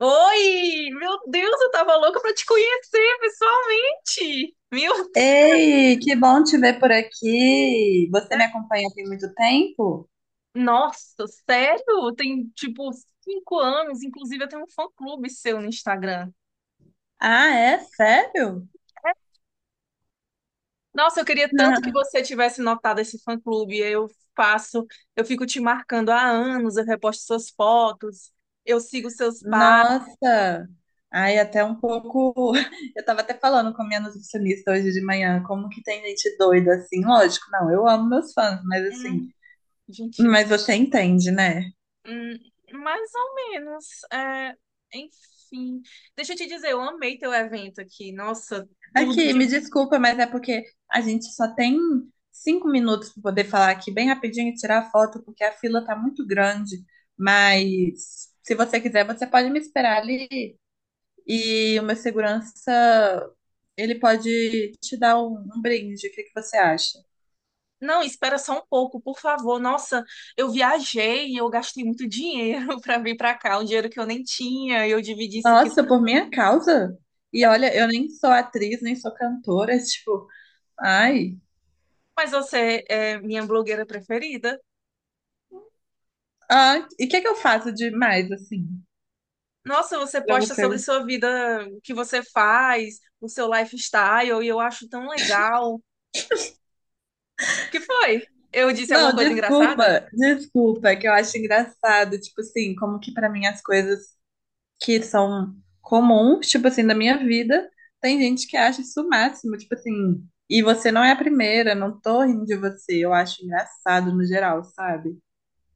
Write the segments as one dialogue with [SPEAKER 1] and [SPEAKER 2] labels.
[SPEAKER 1] Oi! Meu Deus, eu tava louca pra te conhecer pessoalmente! Meu Deus!
[SPEAKER 2] Ei, que bom te ver por aqui. Você me acompanha tem muito tempo?
[SPEAKER 1] Nossa, sério? Tem tipo 5 anos, inclusive eu tenho um fã-clube seu no Instagram.
[SPEAKER 2] Ah, é? Sério?
[SPEAKER 1] Nossa, eu queria tanto que
[SPEAKER 2] Ah.
[SPEAKER 1] você tivesse notado esse fã-clube. Eu faço, eu fico te marcando há anos, eu reposto suas fotos, eu sigo seus passos.
[SPEAKER 2] Nossa! Ai, até um pouco. Eu tava até falando com a minha nutricionista hoje de manhã, como que tem gente doida assim? Lógico, não, eu amo meus fãs, mas assim,
[SPEAKER 1] Hum, gente,
[SPEAKER 2] mas você entende, né?
[SPEAKER 1] hum, mais ou menos. É, enfim. Deixa eu te dizer, eu amei teu evento aqui. Nossa, tudo
[SPEAKER 2] Aqui,
[SPEAKER 1] de
[SPEAKER 2] me desculpa, mas é porque a gente só tem 5 minutos para poder falar aqui bem rapidinho e tirar a foto, porque a fila tá muito grande. Mas se você quiser, você pode me esperar ali e o meu segurança, ele pode te dar um brinde. O que que você acha?
[SPEAKER 1] Não, espera só um pouco, por favor. Nossa, eu viajei e eu gastei muito dinheiro para vir para cá, um dinheiro que eu nem tinha, eu dividi isso aqui.
[SPEAKER 2] Nossa, por minha causa? E olha, eu nem sou atriz, nem sou cantora, tipo, ai.
[SPEAKER 1] Mas você é minha blogueira preferida.
[SPEAKER 2] Ah, e o que que eu faço de mais assim,
[SPEAKER 1] Nossa, você
[SPEAKER 2] para
[SPEAKER 1] posta sobre
[SPEAKER 2] você?
[SPEAKER 1] sua vida, o que você faz, o seu lifestyle, e eu acho tão legal. O que foi? Eu disse alguma
[SPEAKER 2] Não,
[SPEAKER 1] coisa engraçada?
[SPEAKER 2] desculpa, desculpa, é que eu acho engraçado, tipo assim, como que pra mim as coisas que são comuns, tipo assim, da minha vida, tem gente que acha isso o máximo, tipo assim, e você não é a primeira, não tô rindo de você, eu acho engraçado no geral, sabe?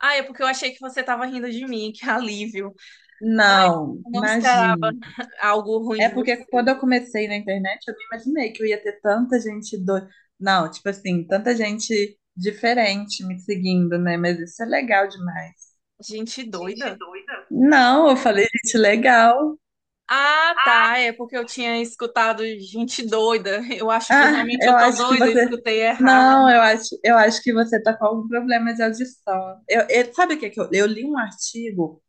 [SPEAKER 1] Ah, é porque eu achei que você tava rindo de mim, que alívio. Ai,
[SPEAKER 2] Não,
[SPEAKER 1] eu não esperava
[SPEAKER 2] imagina.
[SPEAKER 1] algo ruim
[SPEAKER 2] É
[SPEAKER 1] de
[SPEAKER 2] porque
[SPEAKER 1] você.
[SPEAKER 2] quando eu comecei na internet, eu não imaginei que eu ia ter tanta gente do... Não, tipo assim, tanta gente diferente me seguindo, né? Mas isso é legal demais.
[SPEAKER 1] Gente
[SPEAKER 2] Gente
[SPEAKER 1] doida.
[SPEAKER 2] doida. Não, eu falei, gente, legal.
[SPEAKER 1] Ah, tá. É porque eu tinha escutado gente doida. Eu acho que
[SPEAKER 2] Ah,
[SPEAKER 1] realmente eu
[SPEAKER 2] eu
[SPEAKER 1] tô
[SPEAKER 2] acho que
[SPEAKER 1] doida, eu
[SPEAKER 2] você.
[SPEAKER 1] escutei
[SPEAKER 2] Não,
[SPEAKER 1] errado.
[SPEAKER 2] eu acho que você tá com algum problema de audição. Sabe o que que eu li um artigo?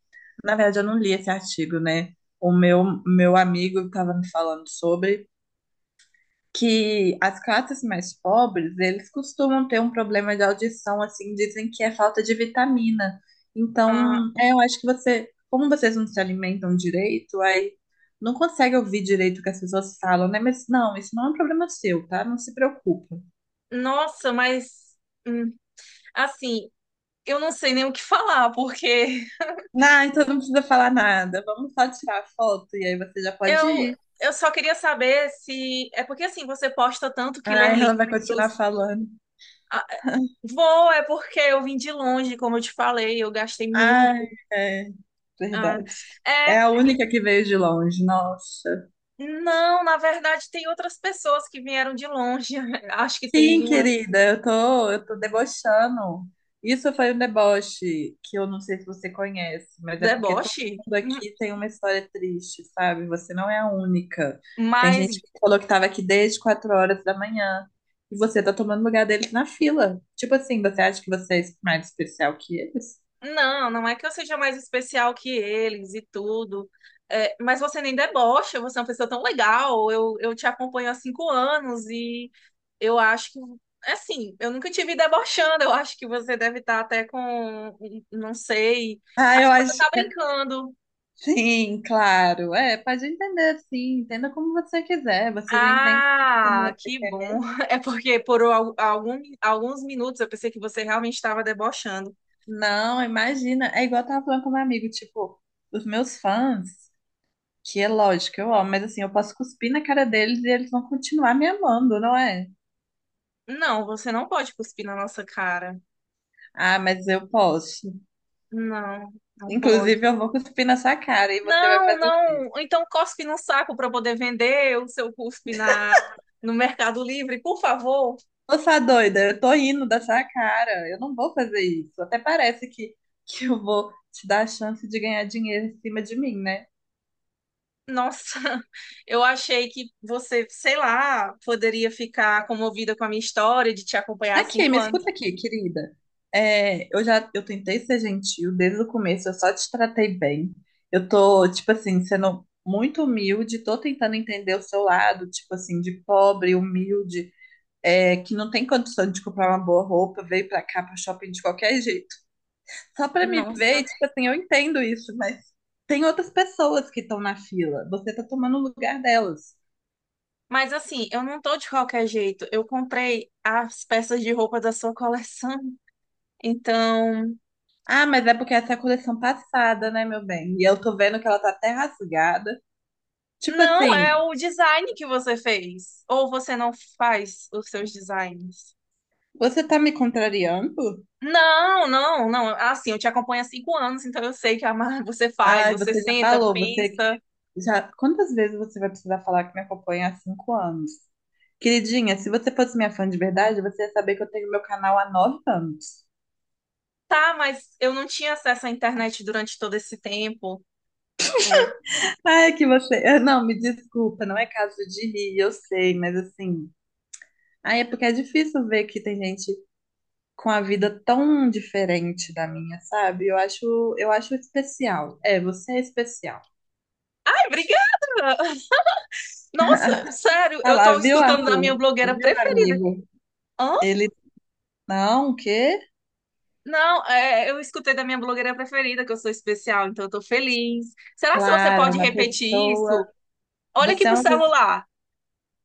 [SPEAKER 2] Na verdade, eu não li esse artigo, né? O meu amigo estava me falando sobre. Que as classes mais pobres, eles costumam ter um problema de audição, assim, dizem que é falta de vitamina.
[SPEAKER 1] Ah,
[SPEAKER 2] Então, é, eu acho que você, como vocês não se alimentam direito, aí não consegue ouvir direito o que as pessoas falam, né? Mas não, isso não é um problema seu, tá? Não se preocupa.
[SPEAKER 1] nossa, mas hum, assim, eu não sei nem o que falar, porque
[SPEAKER 2] Ah, então não precisa falar nada. Vamos só tirar a foto e aí você já pode
[SPEAKER 1] eu,
[SPEAKER 2] ir.
[SPEAKER 1] eu só queria saber se. É porque assim, você posta tanto que lê
[SPEAKER 2] Ai, ela vai continuar
[SPEAKER 1] livros.
[SPEAKER 2] falando.
[SPEAKER 1] Ah, vou, é porque eu vim de longe, como eu te falei, eu gastei muito.
[SPEAKER 2] Ai, é
[SPEAKER 1] Ah,
[SPEAKER 2] verdade.
[SPEAKER 1] é.
[SPEAKER 2] É a
[SPEAKER 1] e-
[SPEAKER 2] única que veio de longe, nossa.
[SPEAKER 1] Não, na verdade, tem outras pessoas que vieram de longe. Acho que
[SPEAKER 2] Sim,
[SPEAKER 1] tem umas.
[SPEAKER 2] querida, eu tô debochando. Isso foi um deboche que eu não sei se você conhece, mas é porque todo
[SPEAKER 1] Deboche.
[SPEAKER 2] mundo aqui tem uma história triste, sabe? Você não é a única. Tem
[SPEAKER 1] Mas
[SPEAKER 2] gente que falou que tava aqui desde 4 horas da manhã e você tá tomando lugar deles na fila. Tipo assim, você acha que você é mais especial que eles?
[SPEAKER 1] não, não é que eu seja mais especial que eles e tudo. É, mas você nem debocha, você é uma pessoa tão legal. Eu te acompanho há 5 anos e eu acho que, assim, eu nunca te vi debochando. Eu acho que você deve estar até com, não sei,
[SPEAKER 2] Ah,
[SPEAKER 1] acho
[SPEAKER 2] eu
[SPEAKER 1] que você
[SPEAKER 2] acho.
[SPEAKER 1] tá brincando.
[SPEAKER 2] Sim, claro. É, pode entender, sim. Entenda como você quiser. Você já entende
[SPEAKER 1] Ah,
[SPEAKER 2] como você
[SPEAKER 1] que
[SPEAKER 2] quer.
[SPEAKER 1] bom. É porque por alguns minutos eu pensei que você realmente estava debochando.
[SPEAKER 2] Não, imagina. É igual eu tava falando com meu amigo, tipo, os meus fãs, que é lógico, eu amo, mas assim, eu posso cuspir na cara deles e eles vão continuar me amando, não é?
[SPEAKER 1] Não, você não pode cuspir na nossa cara.
[SPEAKER 2] Ah, mas eu posso.
[SPEAKER 1] Não, não
[SPEAKER 2] Inclusive,
[SPEAKER 1] pode.
[SPEAKER 2] eu vou cuspir na sua cara e você vai
[SPEAKER 1] Não,
[SPEAKER 2] fazer.
[SPEAKER 1] não. Então cospe num saco para poder vender o seu cuspe no Mercado Livre, por favor.
[SPEAKER 2] Ô, sua doida, eu tô rindo da sua cara. Eu não vou fazer isso. Até parece que eu vou te dar a chance de ganhar dinheiro em cima de mim, né?
[SPEAKER 1] Nossa, eu achei que você, sei lá, poderia ficar comovida com a minha história de te acompanhar há
[SPEAKER 2] Aqui,
[SPEAKER 1] cinco
[SPEAKER 2] me
[SPEAKER 1] anos.
[SPEAKER 2] escuta aqui, querida. É, eu já eu tentei ser gentil desde o começo, eu só te tratei bem. Eu tô, tipo assim, sendo muito humilde, tô tentando entender o seu lado, tipo assim, de pobre, humilde, é, que não tem condição de comprar uma boa roupa, veio pra cá, pro shopping de qualquer jeito. Só pra me ver,
[SPEAKER 1] Nossa.
[SPEAKER 2] e, tipo assim, eu entendo isso, mas tem outras pessoas que estão na fila. Você tá tomando o lugar delas.
[SPEAKER 1] Mas assim, eu não tô de qualquer jeito. Eu comprei as peças de roupa da sua coleção. Então,
[SPEAKER 2] Ah, mas é porque essa é a coleção passada, né, meu bem? E eu tô vendo que ela tá até rasgada. Tipo
[SPEAKER 1] não é
[SPEAKER 2] assim,
[SPEAKER 1] o design que você fez. Ou você não faz os seus designs.
[SPEAKER 2] você tá me contrariando?
[SPEAKER 1] Não, não, não. Assim, eu te acompanho há cinco anos, então eu sei que você faz,
[SPEAKER 2] Ai,
[SPEAKER 1] você
[SPEAKER 2] você já
[SPEAKER 1] senta,
[SPEAKER 2] falou, você
[SPEAKER 1] pensa.
[SPEAKER 2] já. Quantas vezes você vai precisar falar que me acompanha há 5 anos? Queridinha, se você fosse minha fã de verdade, você ia saber que eu tenho meu canal há 9 anos.
[SPEAKER 1] Tá, mas eu não tinha acesso à internet durante todo esse tempo. É.
[SPEAKER 2] Ai, que você. Não, me desculpa, não é caso de rir, eu sei, mas assim. Ai, é porque é difícil ver que tem gente com a vida tão diferente da minha, sabe? Eu acho especial. É, você é especial.
[SPEAKER 1] Ai, obrigada! Nossa, sério,
[SPEAKER 2] Ah
[SPEAKER 1] eu
[SPEAKER 2] lá,
[SPEAKER 1] tô
[SPEAKER 2] viu,
[SPEAKER 1] escutando da minha
[SPEAKER 2] Arthur?
[SPEAKER 1] blogueira
[SPEAKER 2] Viu,
[SPEAKER 1] preferida.
[SPEAKER 2] amigo?
[SPEAKER 1] Hã?
[SPEAKER 2] Ele. Não, o quê?
[SPEAKER 1] Não, é, eu escutei da minha blogueira preferida, que eu sou especial, então eu tô feliz. Será que você
[SPEAKER 2] Claro, é
[SPEAKER 1] pode
[SPEAKER 2] uma
[SPEAKER 1] repetir
[SPEAKER 2] pessoa.
[SPEAKER 1] isso? Olha aqui
[SPEAKER 2] Você é
[SPEAKER 1] pro
[SPEAKER 2] uma, pe-
[SPEAKER 1] celular.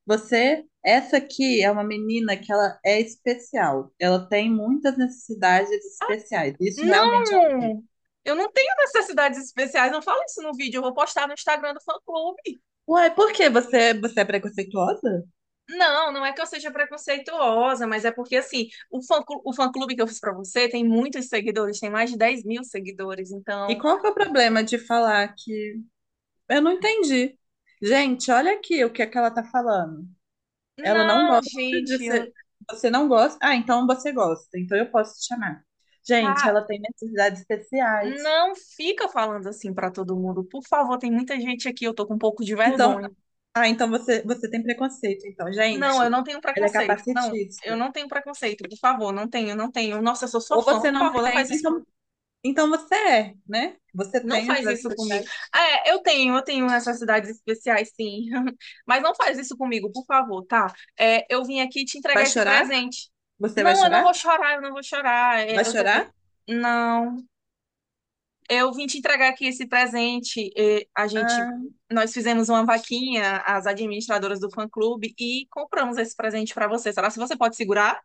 [SPEAKER 2] você, essa aqui é uma menina que ela é especial. Ela tem muitas necessidades especiais. Isso realmente ela tem.
[SPEAKER 1] Não! Eu não tenho necessidades especiais, não fala isso no vídeo, eu vou postar no Instagram do fã-clube.
[SPEAKER 2] Uai, por que você, você é preconceituosa?
[SPEAKER 1] Não, não é que eu seja preconceituosa, mas é porque, assim, o fã-clube que eu fiz pra você tem muitos seguidores, tem mais de 10 mil seguidores.
[SPEAKER 2] E
[SPEAKER 1] Então,
[SPEAKER 2] qual que é o problema de falar que eu não entendi? Gente, olha aqui o que é que ela tá falando. Ela não
[SPEAKER 1] não,
[SPEAKER 2] gosta de
[SPEAKER 1] gente,
[SPEAKER 2] ser. Você não gosta? Ah, então você gosta. Então eu posso te chamar. Gente,
[SPEAKER 1] tá.
[SPEAKER 2] ela tem necessidades especiais.
[SPEAKER 1] Não fica falando assim pra todo mundo. Por favor, tem muita gente aqui, eu tô com um pouco de
[SPEAKER 2] Então,
[SPEAKER 1] vergonha.
[SPEAKER 2] ah, então você, você tem preconceito, então,
[SPEAKER 1] Não, eu
[SPEAKER 2] gente.
[SPEAKER 1] não tenho
[SPEAKER 2] Ela é
[SPEAKER 1] preconceito. Não,
[SPEAKER 2] capacitista.
[SPEAKER 1] eu não tenho preconceito. Por favor, não tenho, não tenho. Nossa, eu sou sua
[SPEAKER 2] Ou
[SPEAKER 1] fã.
[SPEAKER 2] você
[SPEAKER 1] Por
[SPEAKER 2] não
[SPEAKER 1] favor, não
[SPEAKER 2] tem,
[SPEAKER 1] faz isso.
[SPEAKER 2] então, então você é, né? Você
[SPEAKER 1] Não
[SPEAKER 2] tem
[SPEAKER 1] faz
[SPEAKER 2] atividades
[SPEAKER 1] isso comigo.
[SPEAKER 2] especiais.
[SPEAKER 1] É, eu tenho necessidades especiais, sim. Mas não faz isso comigo, por favor, tá? É, eu vim aqui te
[SPEAKER 2] Vai
[SPEAKER 1] entregar esse
[SPEAKER 2] chorar?
[SPEAKER 1] presente.
[SPEAKER 2] Você vai
[SPEAKER 1] Não, eu não vou
[SPEAKER 2] chorar?
[SPEAKER 1] chorar, eu não vou chorar. É,
[SPEAKER 2] Vai
[SPEAKER 1] eu tô com.
[SPEAKER 2] chorar?
[SPEAKER 1] Não, eu vim te entregar aqui esse presente. É,
[SPEAKER 2] Ah,
[SPEAKER 1] nós fizemos uma vaquinha, as administradoras do fã-clube, e compramos esse presente pra você. Será que você pode segurar?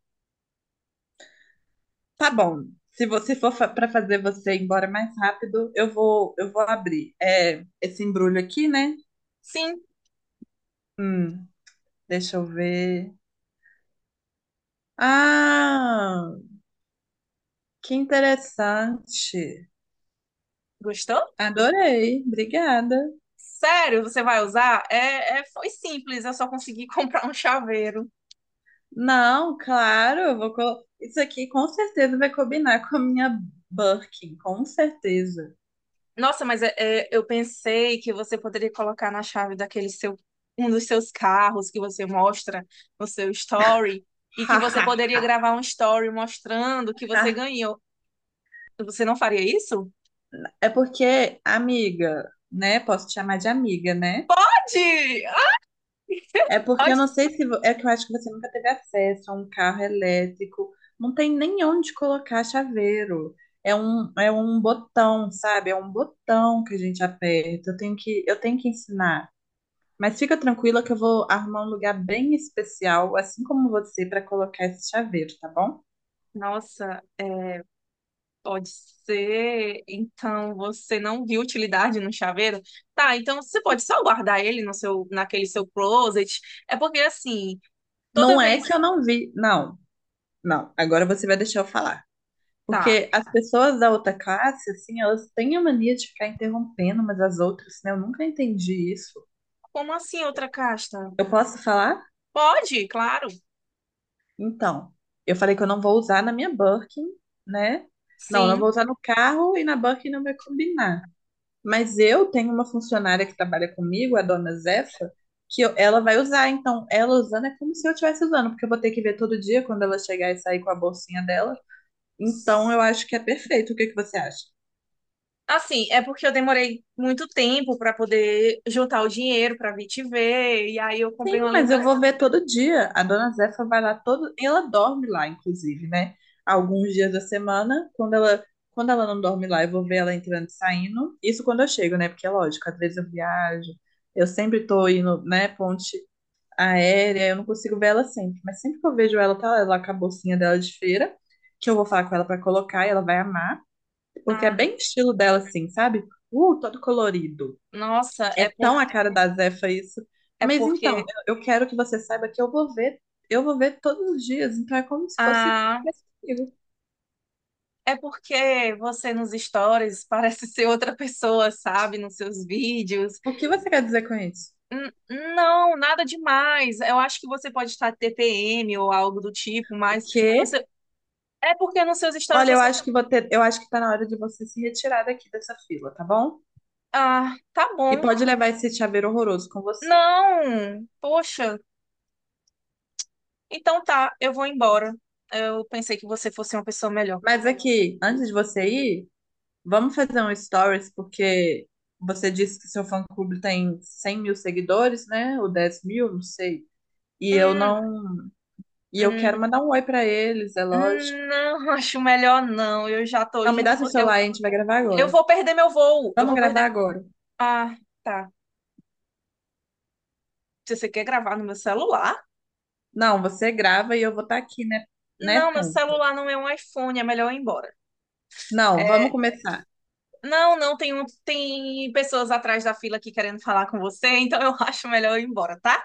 [SPEAKER 2] tá bom. Se você for fa para fazer você ir embora mais rápido, eu vou abrir. É, esse embrulho aqui, né?
[SPEAKER 1] Sim.
[SPEAKER 2] Hum, deixa eu ver. Ah, que interessante.
[SPEAKER 1] Gostou?
[SPEAKER 2] Adorei, obrigada.
[SPEAKER 1] Sério, você vai usar? É, foi simples, eu só consegui comprar um chaveiro.
[SPEAKER 2] Não, claro, eu vou colo... Isso aqui com certeza vai combinar com a minha Birkin, com certeza.
[SPEAKER 1] Nossa, mas eu pensei que você poderia colocar na chave daquele seu, um dos seus carros que você mostra no seu story e que você poderia gravar um story mostrando que você ganhou. Você não faria isso?
[SPEAKER 2] É porque, amiga, né? Posso te chamar de amiga, né?
[SPEAKER 1] Pode! Ah,
[SPEAKER 2] É porque eu
[SPEAKER 1] pode
[SPEAKER 2] não
[SPEAKER 1] ser.
[SPEAKER 2] sei se. Vo- é que eu acho que você nunca teve acesso a um carro elétrico. Não tem nem onde colocar chaveiro. É um botão, sabe? É um botão que a gente aperta. Eu tenho que ensinar. Mas fica tranquila que eu vou arrumar um lugar bem especial, assim como você, para colocar esse chaveiro, tá bom?
[SPEAKER 1] Nossa, pode ser. Então você não viu utilidade no chaveiro? Tá, então você pode só guardar ele no seu, naquele seu closet. É porque assim,
[SPEAKER 2] Não
[SPEAKER 1] toda
[SPEAKER 2] é
[SPEAKER 1] vez.
[SPEAKER 2] que eu não vi. Não, não. Agora você vai deixar eu falar.
[SPEAKER 1] Tá.
[SPEAKER 2] Porque as pessoas da outra classe, assim, elas têm a mania de ficar interrompendo umas as outras, né? Eu nunca entendi isso.
[SPEAKER 1] Como assim outra casta?
[SPEAKER 2] Eu posso falar?
[SPEAKER 1] Pode, claro.
[SPEAKER 2] Então, eu falei que eu não vou usar na minha Birkin, né? Não, não
[SPEAKER 1] Sim.
[SPEAKER 2] vou usar no carro e na Birkin não vai combinar. Mas eu tenho uma funcionária que trabalha comigo, a dona Zefa, que eu- ela vai usar. Então, ela usando é como se eu estivesse usando, porque eu vou ter que ver todo dia quando ela chegar e sair com a bolsinha dela. Então, eu acho que é perfeito. O que que você acha?
[SPEAKER 1] Assim, é porque eu demorei muito tempo para poder juntar o dinheiro para vir te ver, e aí eu
[SPEAKER 2] Sim,
[SPEAKER 1] comprei uma
[SPEAKER 2] mas eu
[SPEAKER 1] lembrança.
[SPEAKER 2] vou ver todo dia. A dona Zefa vai lá todo. Ela dorme lá, inclusive, né? Alguns dias da semana, quando ela. Quando ela não dorme lá, eu vou ver ela entrando e saindo. Isso quando eu chego, né? Porque é lógico, às vezes eu viajo, eu sempre tô indo, né, ponte aérea, eu não consigo ver ela sempre, mas sempre que eu vejo ela, tá lá com a bolsinha dela de feira, que eu vou falar com ela pra colocar e ela vai amar, porque é
[SPEAKER 1] Ah,
[SPEAKER 2] bem estilo dela assim, sabe? Todo colorido.
[SPEAKER 1] nossa,
[SPEAKER 2] É tão a cara da Zefa isso.
[SPEAKER 1] é
[SPEAKER 2] Mas então,
[SPEAKER 1] porque
[SPEAKER 2] eu quero que você saiba que eu vou ver todos os dias, então é como se fosse
[SPEAKER 1] ah,
[SPEAKER 2] tivesse comigo.
[SPEAKER 1] é porque você nos stories parece ser outra pessoa, sabe, nos seus vídeos.
[SPEAKER 2] O que você quer dizer com isso?
[SPEAKER 1] N- não, nada demais. Eu acho que você pode estar TPM ou algo do tipo,
[SPEAKER 2] O
[SPEAKER 1] mas no
[SPEAKER 2] quê?
[SPEAKER 1] seu- é porque nos seus stories
[SPEAKER 2] Olha, eu
[SPEAKER 1] você.
[SPEAKER 2] acho que vou ter- eu acho que tá na hora de você se retirar daqui dessa fila, tá bom?
[SPEAKER 1] Ah, tá
[SPEAKER 2] E
[SPEAKER 1] bom.
[SPEAKER 2] pode levar esse chaveiro horroroso com você.
[SPEAKER 1] Não, poxa. Então tá, eu vou embora. Eu pensei que você fosse uma pessoa melhor.
[SPEAKER 2] Mas aqui, antes de você ir, vamos fazer um stories, porque você disse que seu fã-clube tem 100 mil seguidores, né? Ou 10 mil, não sei. E eu
[SPEAKER 1] Hum,
[SPEAKER 2] não. E eu
[SPEAKER 1] hum,
[SPEAKER 2] quero mandar um oi pra eles, é lógico.
[SPEAKER 1] não, acho melhor não. Eu já tô
[SPEAKER 2] Não, me
[SPEAKER 1] indo
[SPEAKER 2] dá seu
[SPEAKER 1] porque eu,
[SPEAKER 2] celular aí, a gente vai gravar
[SPEAKER 1] eu
[SPEAKER 2] agora.
[SPEAKER 1] vou perder meu voo. Eu
[SPEAKER 2] Vamos
[SPEAKER 1] vou
[SPEAKER 2] gravar
[SPEAKER 1] perder.
[SPEAKER 2] agora.
[SPEAKER 1] Ah, tá. Se você quer gravar no meu celular?
[SPEAKER 2] Não, você grava e eu vou estar aqui, né? Né,
[SPEAKER 1] Não, meu
[SPEAKER 2] Tom?
[SPEAKER 1] celular não é um iPhone, é melhor eu ir embora.
[SPEAKER 2] Não, vamos
[SPEAKER 1] É,
[SPEAKER 2] começar.
[SPEAKER 1] não, não, tem pessoas atrás da fila aqui querendo falar com você, então eu acho melhor eu ir embora, tá?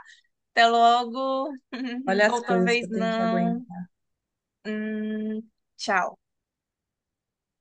[SPEAKER 1] Até logo.
[SPEAKER 2] Olha as
[SPEAKER 1] Outra
[SPEAKER 2] coisas que
[SPEAKER 1] vez
[SPEAKER 2] eu tenho que
[SPEAKER 1] não.
[SPEAKER 2] aguentar.
[SPEAKER 1] Hum, tchau.